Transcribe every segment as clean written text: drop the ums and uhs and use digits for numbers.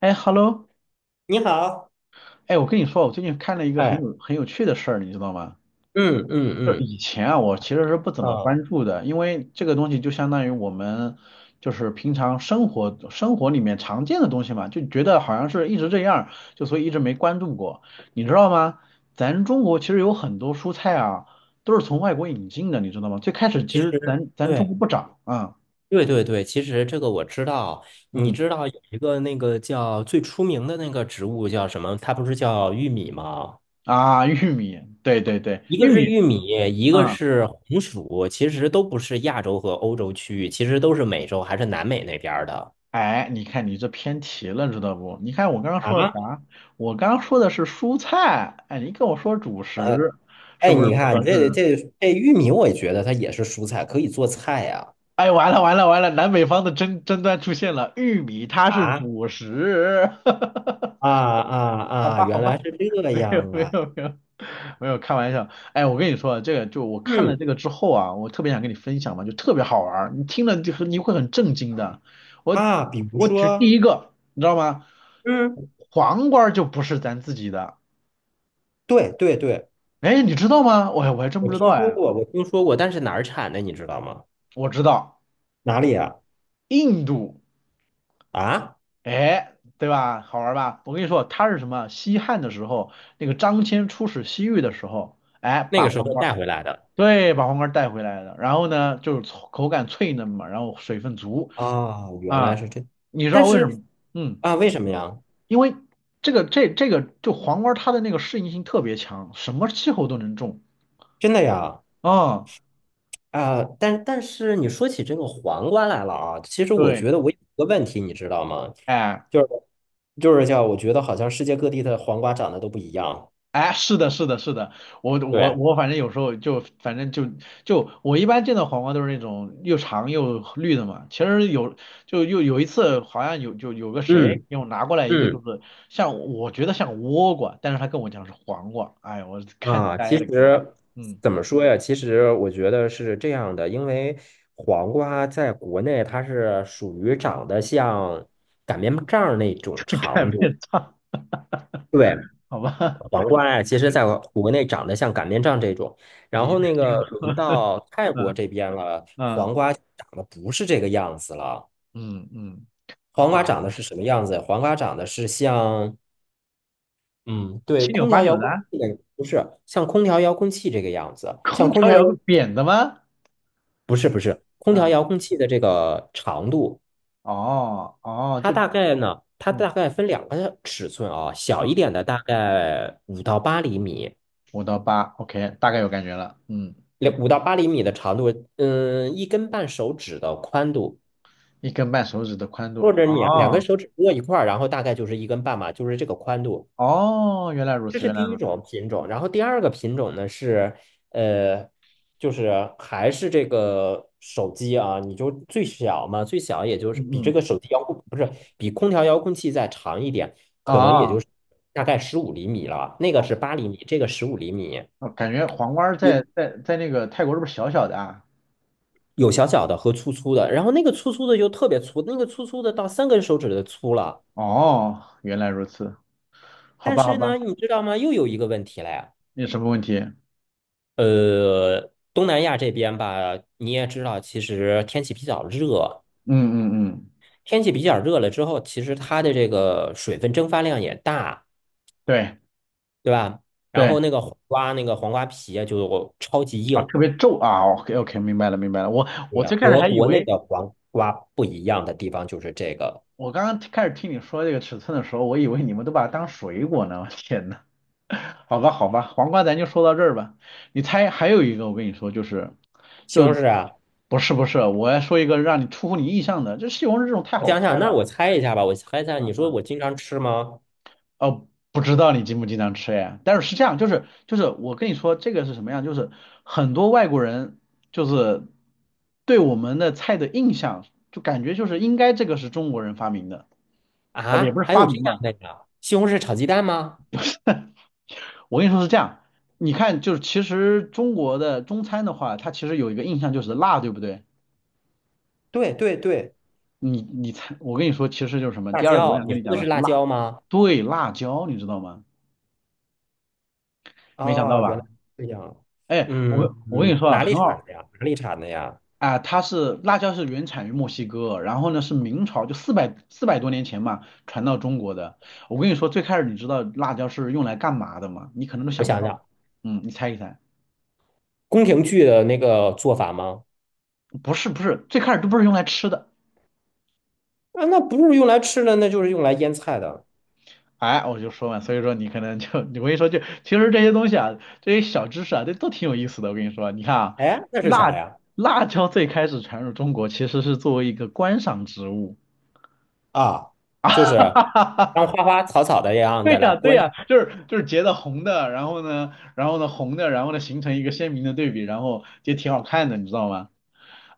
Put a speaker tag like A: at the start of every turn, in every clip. A: 哎，Hello,
B: 你好，
A: 哎，我跟你说，我最近看了一个很
B: 哎，
A: 有很有趣的事儿，你知道吗？
B: 嗯嗯
A: 就是
B: 嗯，
A: 以前啊，我其实是不怎么
B: 嗯，
A: 关注的，因为这个东西就相当于我们就是平常生活里面常见的东西嘛，就觉得好像是一直这样，就所以一直没关注过，你知道吗？咱中国其实有很多蔬菜啊，都是从外国引进的，你知道吗？最开始其
B: 其
A: 实
B: 实
A: 咱中
B: 对
A: 国不长啊。
B: 对对对，其实这个我知道。你
A: 嗯。
B: 知道有一个那个叫最出名的那个植物叫什么？它不是叫玉米吗？
A: 啊，玉米，对对对，
B: 一个
A: 玉
B: 是
A: 米。
B: 玉米，一个
A: 嗯。
B: 是红薯，其实都不是亚洲和欧洲区域，其实都是美洲还是南美那边儿的。
A: 哎，你看你这偏题了，知道不？你看我刚刚说的
B: 啊，
A: 啥？我刚刚说的是蔬菜，哎，你跟我说主食，是
B: 哎，
A: 不是
B: 你
A: 不
B: 看
A: 合
B: 这
A: 适？
B: 这这玉米，我也觉得它也是蔬菜，可以做菜呀、
A: 哎，完了完了完了，南北方的争端出现了，玉米它是
B: 啊
A: 主食。
B: 啊啊
A: 好
B: 啊！
A: 吧好
B: 原
A: 吧，
B: 来是这
A: 没有
B: 样
A: 没
B: 啊！
A: 有没有，没有开玩笑，哎，我跟你说啊，这个就我看了
B: 嗯，
A: 这个之后啊，我特别想跟你分享嘛，就特别好玩儿，你听了就你会很震惊的。我
B: 啊，比如
A: 我举第
B: 说。
A: 一个，你知道吗？
B: 嗯，
A: 黄瓜就不是咱自己的，
B: 对对对，
A: 哎，你知道吗？我还真
B: 我
A: 不知道
B: 听说
A: 哎，
B: 过，我听说过，但是哪儿产的你知道吗？
A: 我知道，
B: 哪里啊？
A: 印度，
B: 啊，
A: 哎，对吧？好玩儿吧？我跟你说，它是什么？西汉的时候，那个张骞出使西域的时候，哎，
B: 那
A: 把
B: 个时
A: 黄
B: 候
A: 瓜，
B: 带回来的。
A: 对，把黄瓜带回来的。然后呢，就是口感脆嫩嘛，然后水分足。
B: 啊，原来
A: 啊，
B: 是这。
A: 你知
B: 但
A: 道为什
B: 是
A: 么？嗯，
B: 啊，为什么呀？
A: 因为这个就黄瓜它的那个适应性特别强，什么气候都能种
B: 真的呀？
A: 啊。
B: 啊，但但是你说起这个黄瓜来了啊，其实我
A: 对，
B: 觉得我有一个问题，你知道吗？
A: 哎，
B: 就是就是叫我觉得好像世界各地的黄瓜长得都不一样。
A: 哎，是的，是的，是的，我我
B: 对，
A: 我反正有时候就反正就就我一般见到黄瓜都是那种又长又绿的嘛。其实有就又有一次好像有就有个谁
B: 嗯
A: 给我拿过来一个就
B: 嗯。
A: 是像我觉得像倭瓜，但是他跟我讲是黄瓜，哎我看
B: 啊，其
A: 呆了给我，
B: 实
A: 嗯，
B: 怎么说呀？其实我觉得是这样的，因为黄瓜在国内它是属于长得像擀面杖儿那种
A: 看
B: 长度。
A: 面哈。
B: 对，
A: 好吧，
B: 黄 瓜呀，其实在国内长得像擀面杖这种，然
A: 你
B: 后
A: 的
B: 那
A: 形
B: 个
A: 容，
B: 轮到泰国
A: 嗯
B: 这边了，
A: 嗯
B: 长得不是这个样子了。
A: 嗯嗯，好
B: 黄
A: 吧
B: 瓜
A: 好
B: 长得
A: 吧，
B: 是什么样子？黄瓜长得是像，嗯，对，
A: 七扭
B: 空
A: 八
B: 调遥
A: 扭的，
B: 控器的不是像空调遥控器这个样子，像
A: 空
B: 空
A: 调
B: 调。
A: 摇个扁的吗？
B: 空调
A: 嗯，
B: 遥控器的这个长度，
A: 哦哦，
B: 它
A: 就，
B: 大概呢，它
A: 嗯
B: 大概分两个尺寸啊，小一
A: 嗯，
B: 点的大概五到八厘米，
A: 五到八，OK,大概有感觉了，嗯，
B: 两五到八厘米的长度，嗯，一根半手指的宽度，
A: 一根半手指的宽
B: 或
A: 度，
B: 者你两根
A: 哦，
B: 手指握一块儿，然后大概就是一根半嘛，就是这个宽度。
A: 哦，原来如
B: 这
A: 此，
B: 是
A: 原来
B: 第一
A: 如此，
B: 种品种，然后第二个品种呢是，呃，就是还是这个手机啊，你就最小嘛，最小也就
A: 嗯
B: 是比这
A: 嗯，
B: 个手机遥控，不是，比空调遥控器再长一点，可能也
A: 啊，
B: 就是大概十五厘米了，那个
A: 哦，
B: 是八厘米，这个十五厘米。
A: 哦感觉黄瓜儿在
B: 你
A: 在在那个泰国是不是小小的啊？
B: 有小小的和粗粗的，然后那个粗粗的就特别粗，那个粗粗的到三根手指的粗了。
A: 哦，原来如此，好
B: 但
A: 吧好
B: 是呢，
A: 吧，
B: 你知道吗？又有一个问题了呀。
A: 没有什么问题？嗯。
B: 东南亚这边吧，你也知道，其实天气比较热，
A: 嗯嗯，
B: 天气比较热了之后，其实它的这个水分蒸发量也大，
A: 对
B: 对吧？然
A: 对。
B: 后那个黄瓜，那个黄瓜皮啊就超级
A: 啊，
B: 硬，
A: 特别皱啊，OK OK,明白了明白了。我
B: 对，
A: 我最开始
B: 和
A: 还以
B: 国内
A: 为，
B: 的黄瓜不一样的地方就是这个。
A: 我刚刚开始听你说这个尺寸的时候，我以为你们都把它当水果呢。我天呐，好吧好吧，黄瓜咱就说到这儿吧。你猜还有一个，我跟你说，就是
B: 西红
A: 就
B: 柿啊，
A: 不是不是，我要说一个让你出乎你意想的，这西红柿这种太
B: 我
A: 好
B: 想想，
A: 猜
B: 那
A: 了。
B: 我猜一下吧，我猜一下，你
A: 嗯
B: 说
A: 嗯。
B: 我经常吃吗？
A: 哦，不知道你经不经常吃哎，但是是这样，就是就是我跟你说这个是什么样，就是很多外国人就是对我们的菜的印象，就感觉就是应该这个是中国人发明的，哦不也
B: 啊，
A: 不是
B: 还
A: 发
B: 有这
A: 明
B: 样
A: 吧，
B: 的呀？西红柿炒鸡蛋吗？
A: 我跟你说是这样，你看就是其实中国的中餐的话，它其实有一个印象就是辣，对不对？
B: 对对对，
A: 你你猜，我跟你说其实就是什么，
B: 辣
A: 第二个我
B: 椒，
A: 想
B: 你
A: 跟
B: 说
A: 你讲
B: 的
A: 的
B: 是
A: 是
B: 辣
A: 辣，
B: 椒吗？
A: 对，辣椒，你知道吗？没想到
B: 啊，原来
A: 吧？
B: 是这样。
A: 哎，我跟
B: 嗯
A: 我跟你
B: 嗯，
A: 说啊，
B: 哪
A: 很
B: 里产
A: 好。
B: 的呀？哪里产的呀？
A: 啊，它是辣椒是原产于墨西哥，然后呢是明朝就四百多年前嘛传到中国的。我跟你说，最开始你知道辣椒是用来干嘛的吗？你可能都
B: 我
A: 想不
B: 想
A: 到。
B: 想，
A: 嗯，你猜一猜，
B: 宫廷剧的那个做法吗？
A: 不是不是，最开始都不是用来吃的。
B: 啊，那不是用来吃的，那就是用来腌菜的。
A: 哎，我就说嘛，所以说你可能就 我跟你说就，其实这些东西啊，这些小知识啊，这都挺有意思的。我跟你说啊，你看啊，
B: 哎，那是啥
A: 辣
B: 呀？
A: 辣椒最开始传入中国其实是作为一个观赏植物。
B: 啊，就是当花花草草的 样
A: 对
B: 的来
A: 呀，对
B: 观
A: 呀，
B: 赏。
A: 就是就是截的红的，然后呢，然后呢红的，然后呢形成一个鲜明的对比，然后就挺好看的，你知道吗？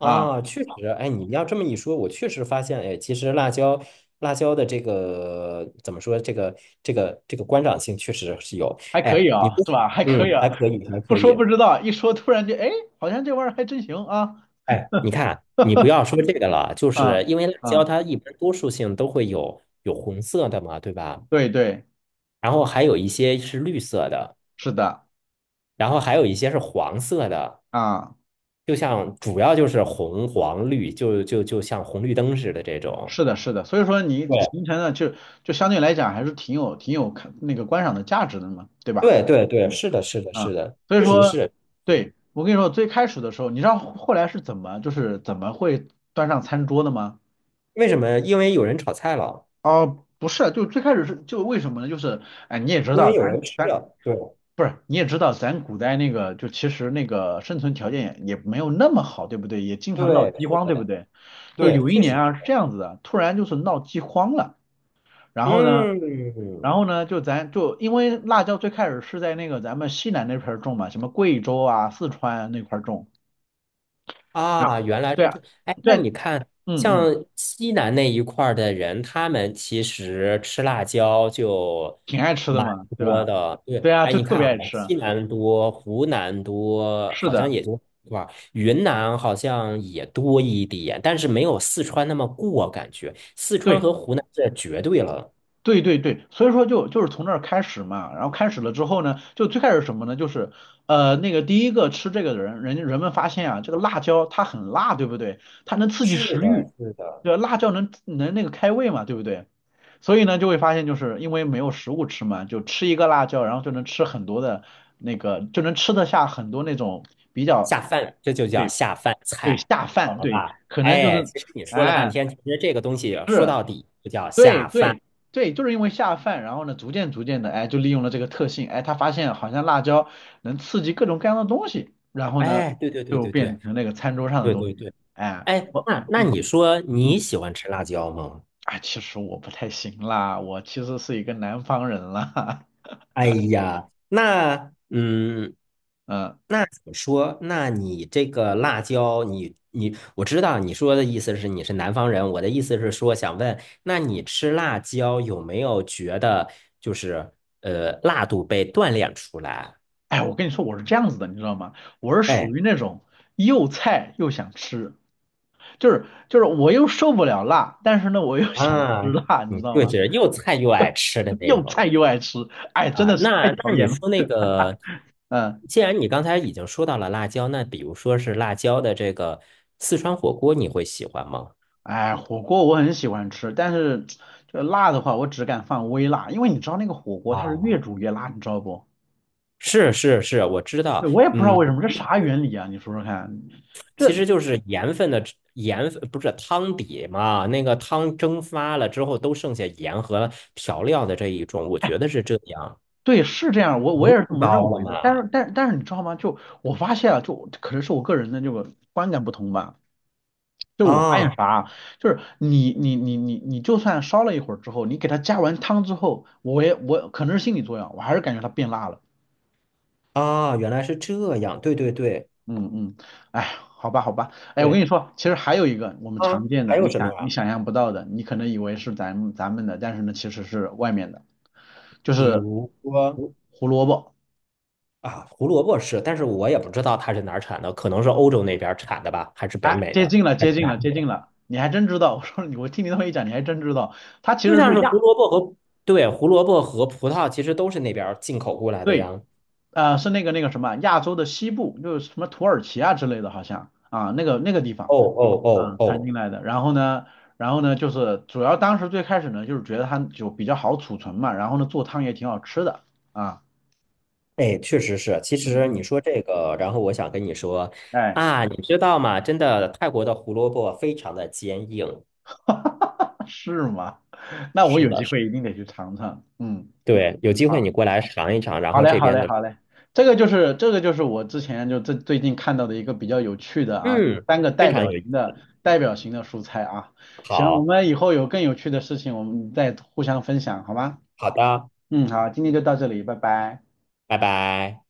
A: 啊，
B: 确实，哎，你要这么一说，我确实发现，哎，其实辣椒，辣椒的这个怎么说，这个这个观赏性确实是有。
A: 还可以
B: 哎，你
A: 啊，
B: 不，
A: 是吧？还可以
B: 嗯，
A: 啊，
B: 还可以，还
A: 不
B: 可
A: 说
B: 以。
A: 不知道，一说突然就哎，好像这玩意儿还真行啊，
B: 哎，你看，你不 要说这个了，就
A: 啊，
B: 是因为辣椒
A: 啊，
B: 它一般多数性都会有红色的嘛，对吧？
A: 对对，
B: 然后还有一些是绿色的，
A: 是的，
B: 然后还有一些是黄色的，
A: 啊，
B: 就像主要就是红黄绿，就就就像红绿灯似的这种。
A: 是的，是的，所以说你
B: 对
A: 形成了就就相对来讲还是挺有挺有看那个观赏的价值的嘛，对吧？
B: 对对对，
A: 嗯。
B: 是的，是的，是
A: 啊，
B: 的，
A: 所以
B: 确实
A: 说，
B: 是。是
A: 对，我跟你说，最开始的时候，你知道后来是怎么，就是怎么会端上餐桌的吗？
B: 为什么？因为有人炒菜了，
A: 哦，不是，就最开始是就为什么呢？就是，哎，你也知
B: 因为
A: 道，
B: 有人吃了。对
A: 不是，你也知道，咱古代那个就其实那个生存条件也没有那么好，对不对？也经常闹
B: 对，
A: 饥
B: 是
A: 荒，对不
B: 的，
A: 对？就是
B: 对，
A: 有一
B: 确实
A: 年啊是
B: 是。
A: 这样子的，突然就是闹饥荒了，然后呢，
B: 嗯，
A: 然后呢，就咱就因为辣椒最开始是在那个咱们西南那片儿种嘛，什么贵州啊、四川那块儿种。然后
B: 啊，原来是
A: 对啊，
B: 这，哎，那
A: 对啊，
B: 你看，
A: 嗯
B: 像
A: 嗯，
B: 西南那一块儿的人，他们其实吃辣椒就
A: 挺爱吃的
B: 蛮
A: 嘛，对
B: 多
A: 吧？
B: 的。对，
A: 对啊，
B: 哎，
A: 就
B: 你
A: 特
B: 看
A: 别
B: 啊，
A: 爱吃。
B: 西南多，湖南多，
A: 是
B: 好像
A: 的，
B: 也就一吧？云南好像也多一点，但是没有四川那么过，感觉四川
A: 对，
B: 和湖南这绝对了。
A: 对对对，所以说就就是从那儿开始嘛，然后开始了之后呢，就最开始什么呢？就是那个第一个吃这个的人，人家人们发现啊，这个辣椒它很辣，对不对？它能刺激
B: 是
A: 食欲，
B: 的，是的，
A: 对吧，辣椒能能那个开胃嘛，对不对？所以呢就会发现就是因为没有食物吃嘛，就吃一个辣椒，然后就能吃很多的那个，就能吃得下很多那种比较。
B: 下饭，这就叫
A: 对。
B: 下饭
A: 对，
B: 菜。
A: 下饭，对，
B: 啊！
A: 可能就
B: 哎，
A: 是，
B: 其实你说了半
A: 哎，
B: 天，其实这个东西说
A: 是，
B: 到底就叫
A: 对
B: 下饭。
A: 对对，就是因为下饭，然后呢，逐渐的，哎，就利用了这个特性，哎，他发现好像辣椒能刺激各种各样的东西，然后呢，
B: 哎，对对对
A: 就
B: 对对
A: 变成那个餐桌上的
B: 对
A: 东西，
B: 对对，
A: 哎，
B: 哎，
A: 我，
B: 那那你
A: 嗯
B: 说你
A: 嗯，
B: 喜欢吃辣椒吗？
A: 哎，其实我不太行啦，我其实是一个南方人啦，
B: 哎呀，那嗯，
A: 嗯，
B: 那怎么说？那你这个辣椒，你，我知道你说的意思是你是南方人，我的意思是说想问，那你吃辣椒有没有觉得就是辣度被锻炼出来？
A: 哎，我跟你说，我是这样子的，你知道吗？我是属
B: 哎
A: 于那种又菜又想吃，就是就是我又受不了辣，但是呢，我又想
B: 啊，
A: 吃辣，你
B: 你
A: 知道
B: 就
A: 吗？
B: 是又菜又爱吃的那
A: 又
B: 种。
A: 菜又爱吃，哎，真
B: 啊，
A: 的是太
B: 那
A: 讨
B: 那你
A: 厌了。
B: 说那个，
A: 嗯，
B: 既然你刚才已经说到了辣椒，那比如说是辣椒的这个四川火锅，你会喜欢吗？
A: 哎，火锅我很喜欢吃，但是这辣的话，我只敢放微辣，因为你知道那个火锅它是
B: 啊，
A: 越煮越辣，你知道不？
B: 是是是，我知道，
A: 对，我也不知道
B: 嗯，
A: 为什么，这啥原理啊？你说说看，
B: 其
A: 这
B: 实就是盐分的盐分，不是汤底嘛，那个汤蒸发了之后都剩下盐和调料的这一种，我觉得是这样，
A: 对是这样，我
B: 浓
A: 也是这
B: 度
A: 么
B: 高
A: 认
B: 了
A: 为的。但
B: 吗？
A: 是但但是你知道吗？就我发现啊，就可能是我个人的这个观感不同吧。就是我发现
B: 啊
A: 啥啊，就是你就算烧了一会儿之后，你给它加完汤之后，我可能是心理作用，我还是感觉它变辣了。
B: 啊，原来是这样，对对对
A: 嗯嗯，哎，好吧好吧，哎，我跟
B: 对
A: 你说，其实还有一个我们常
B: 啊，
A: 见
B: 还
A: 的，
B: 有
A: 你
B: 什么
A: 想你
B: 啊？
A: 想象不到的，你可能以为是咱们的，但是呢，其实是外面的，就
B: 比
A: 是
B: 如说。
A: 胡萝卜。
B: 啊，胡萝卜是，但是我也不知道它是哪儿产的，可能是欧洲那边儿产的吧，还是北
A: 哎，
B: 美
A: 接
B: 的，
A: 近了
B: 还
A: 接
B: 是
A: 近
B: 哪
A: 了
B: 里
A: 接近
B: 的？
A: 了，你还真知道。我说你，我听你那么一讲，你还真知道，它其
B: 就
A: 实
B: 像
A: 是
B: 是胡
A: 亚，
B: 萝卜和，对，胡萝卜和葡萄其实都是那边儿进口过来的呀。
A: 对，
B: 哦
A: 呃，是那个那个什么亚洲的西部，就是什么土耳其啊之类的，好像啊，那个那个地方。
B: 哦哦
A: 啊，摊
B: 哦，
A: 进来的。然后呢，然后呢，就是主要当时最开始呢，就是觉得它就比较好储存嘛，然后呢，做汤也挺好吃的啊。
B: 哎，确实是。其
A: 嗯
B: 实你
A: 嗯，
B: 说这个，然后我想跟你说
A: 哎，
B: 啊，你知道吗？真的，泰国的胡萝卜非常的坚硬。
A: 是吗？那我
B: 是
A: 有
B: 的，
A: 机
B: 是的，
A: 会一定得去尝尝。嗯，
B: 对，有机会你
A: 好，
B: 过来尝一尝，然
A: 好
B: 后
A: 嘞，
B: 这
A: 好
B: 边
A: 嘞，
B: 的，
A: 好嘞。这个就是这个就是我之前就最最近看到的一个比较有趣的啊，这个
B: 嗯，
A: 三个
B: 非
A: 代
B: 常
A: 表
B: 有意
A: 型
B: 思。
A: 的代表型的蔬菜啊。行，我
B: 好，
A: 们以后有更有趣的事情，我们再互相分享，好吗？
B: 好的，
A: 嗯，好，今天就到这里，拜拜。
B: 拜拜。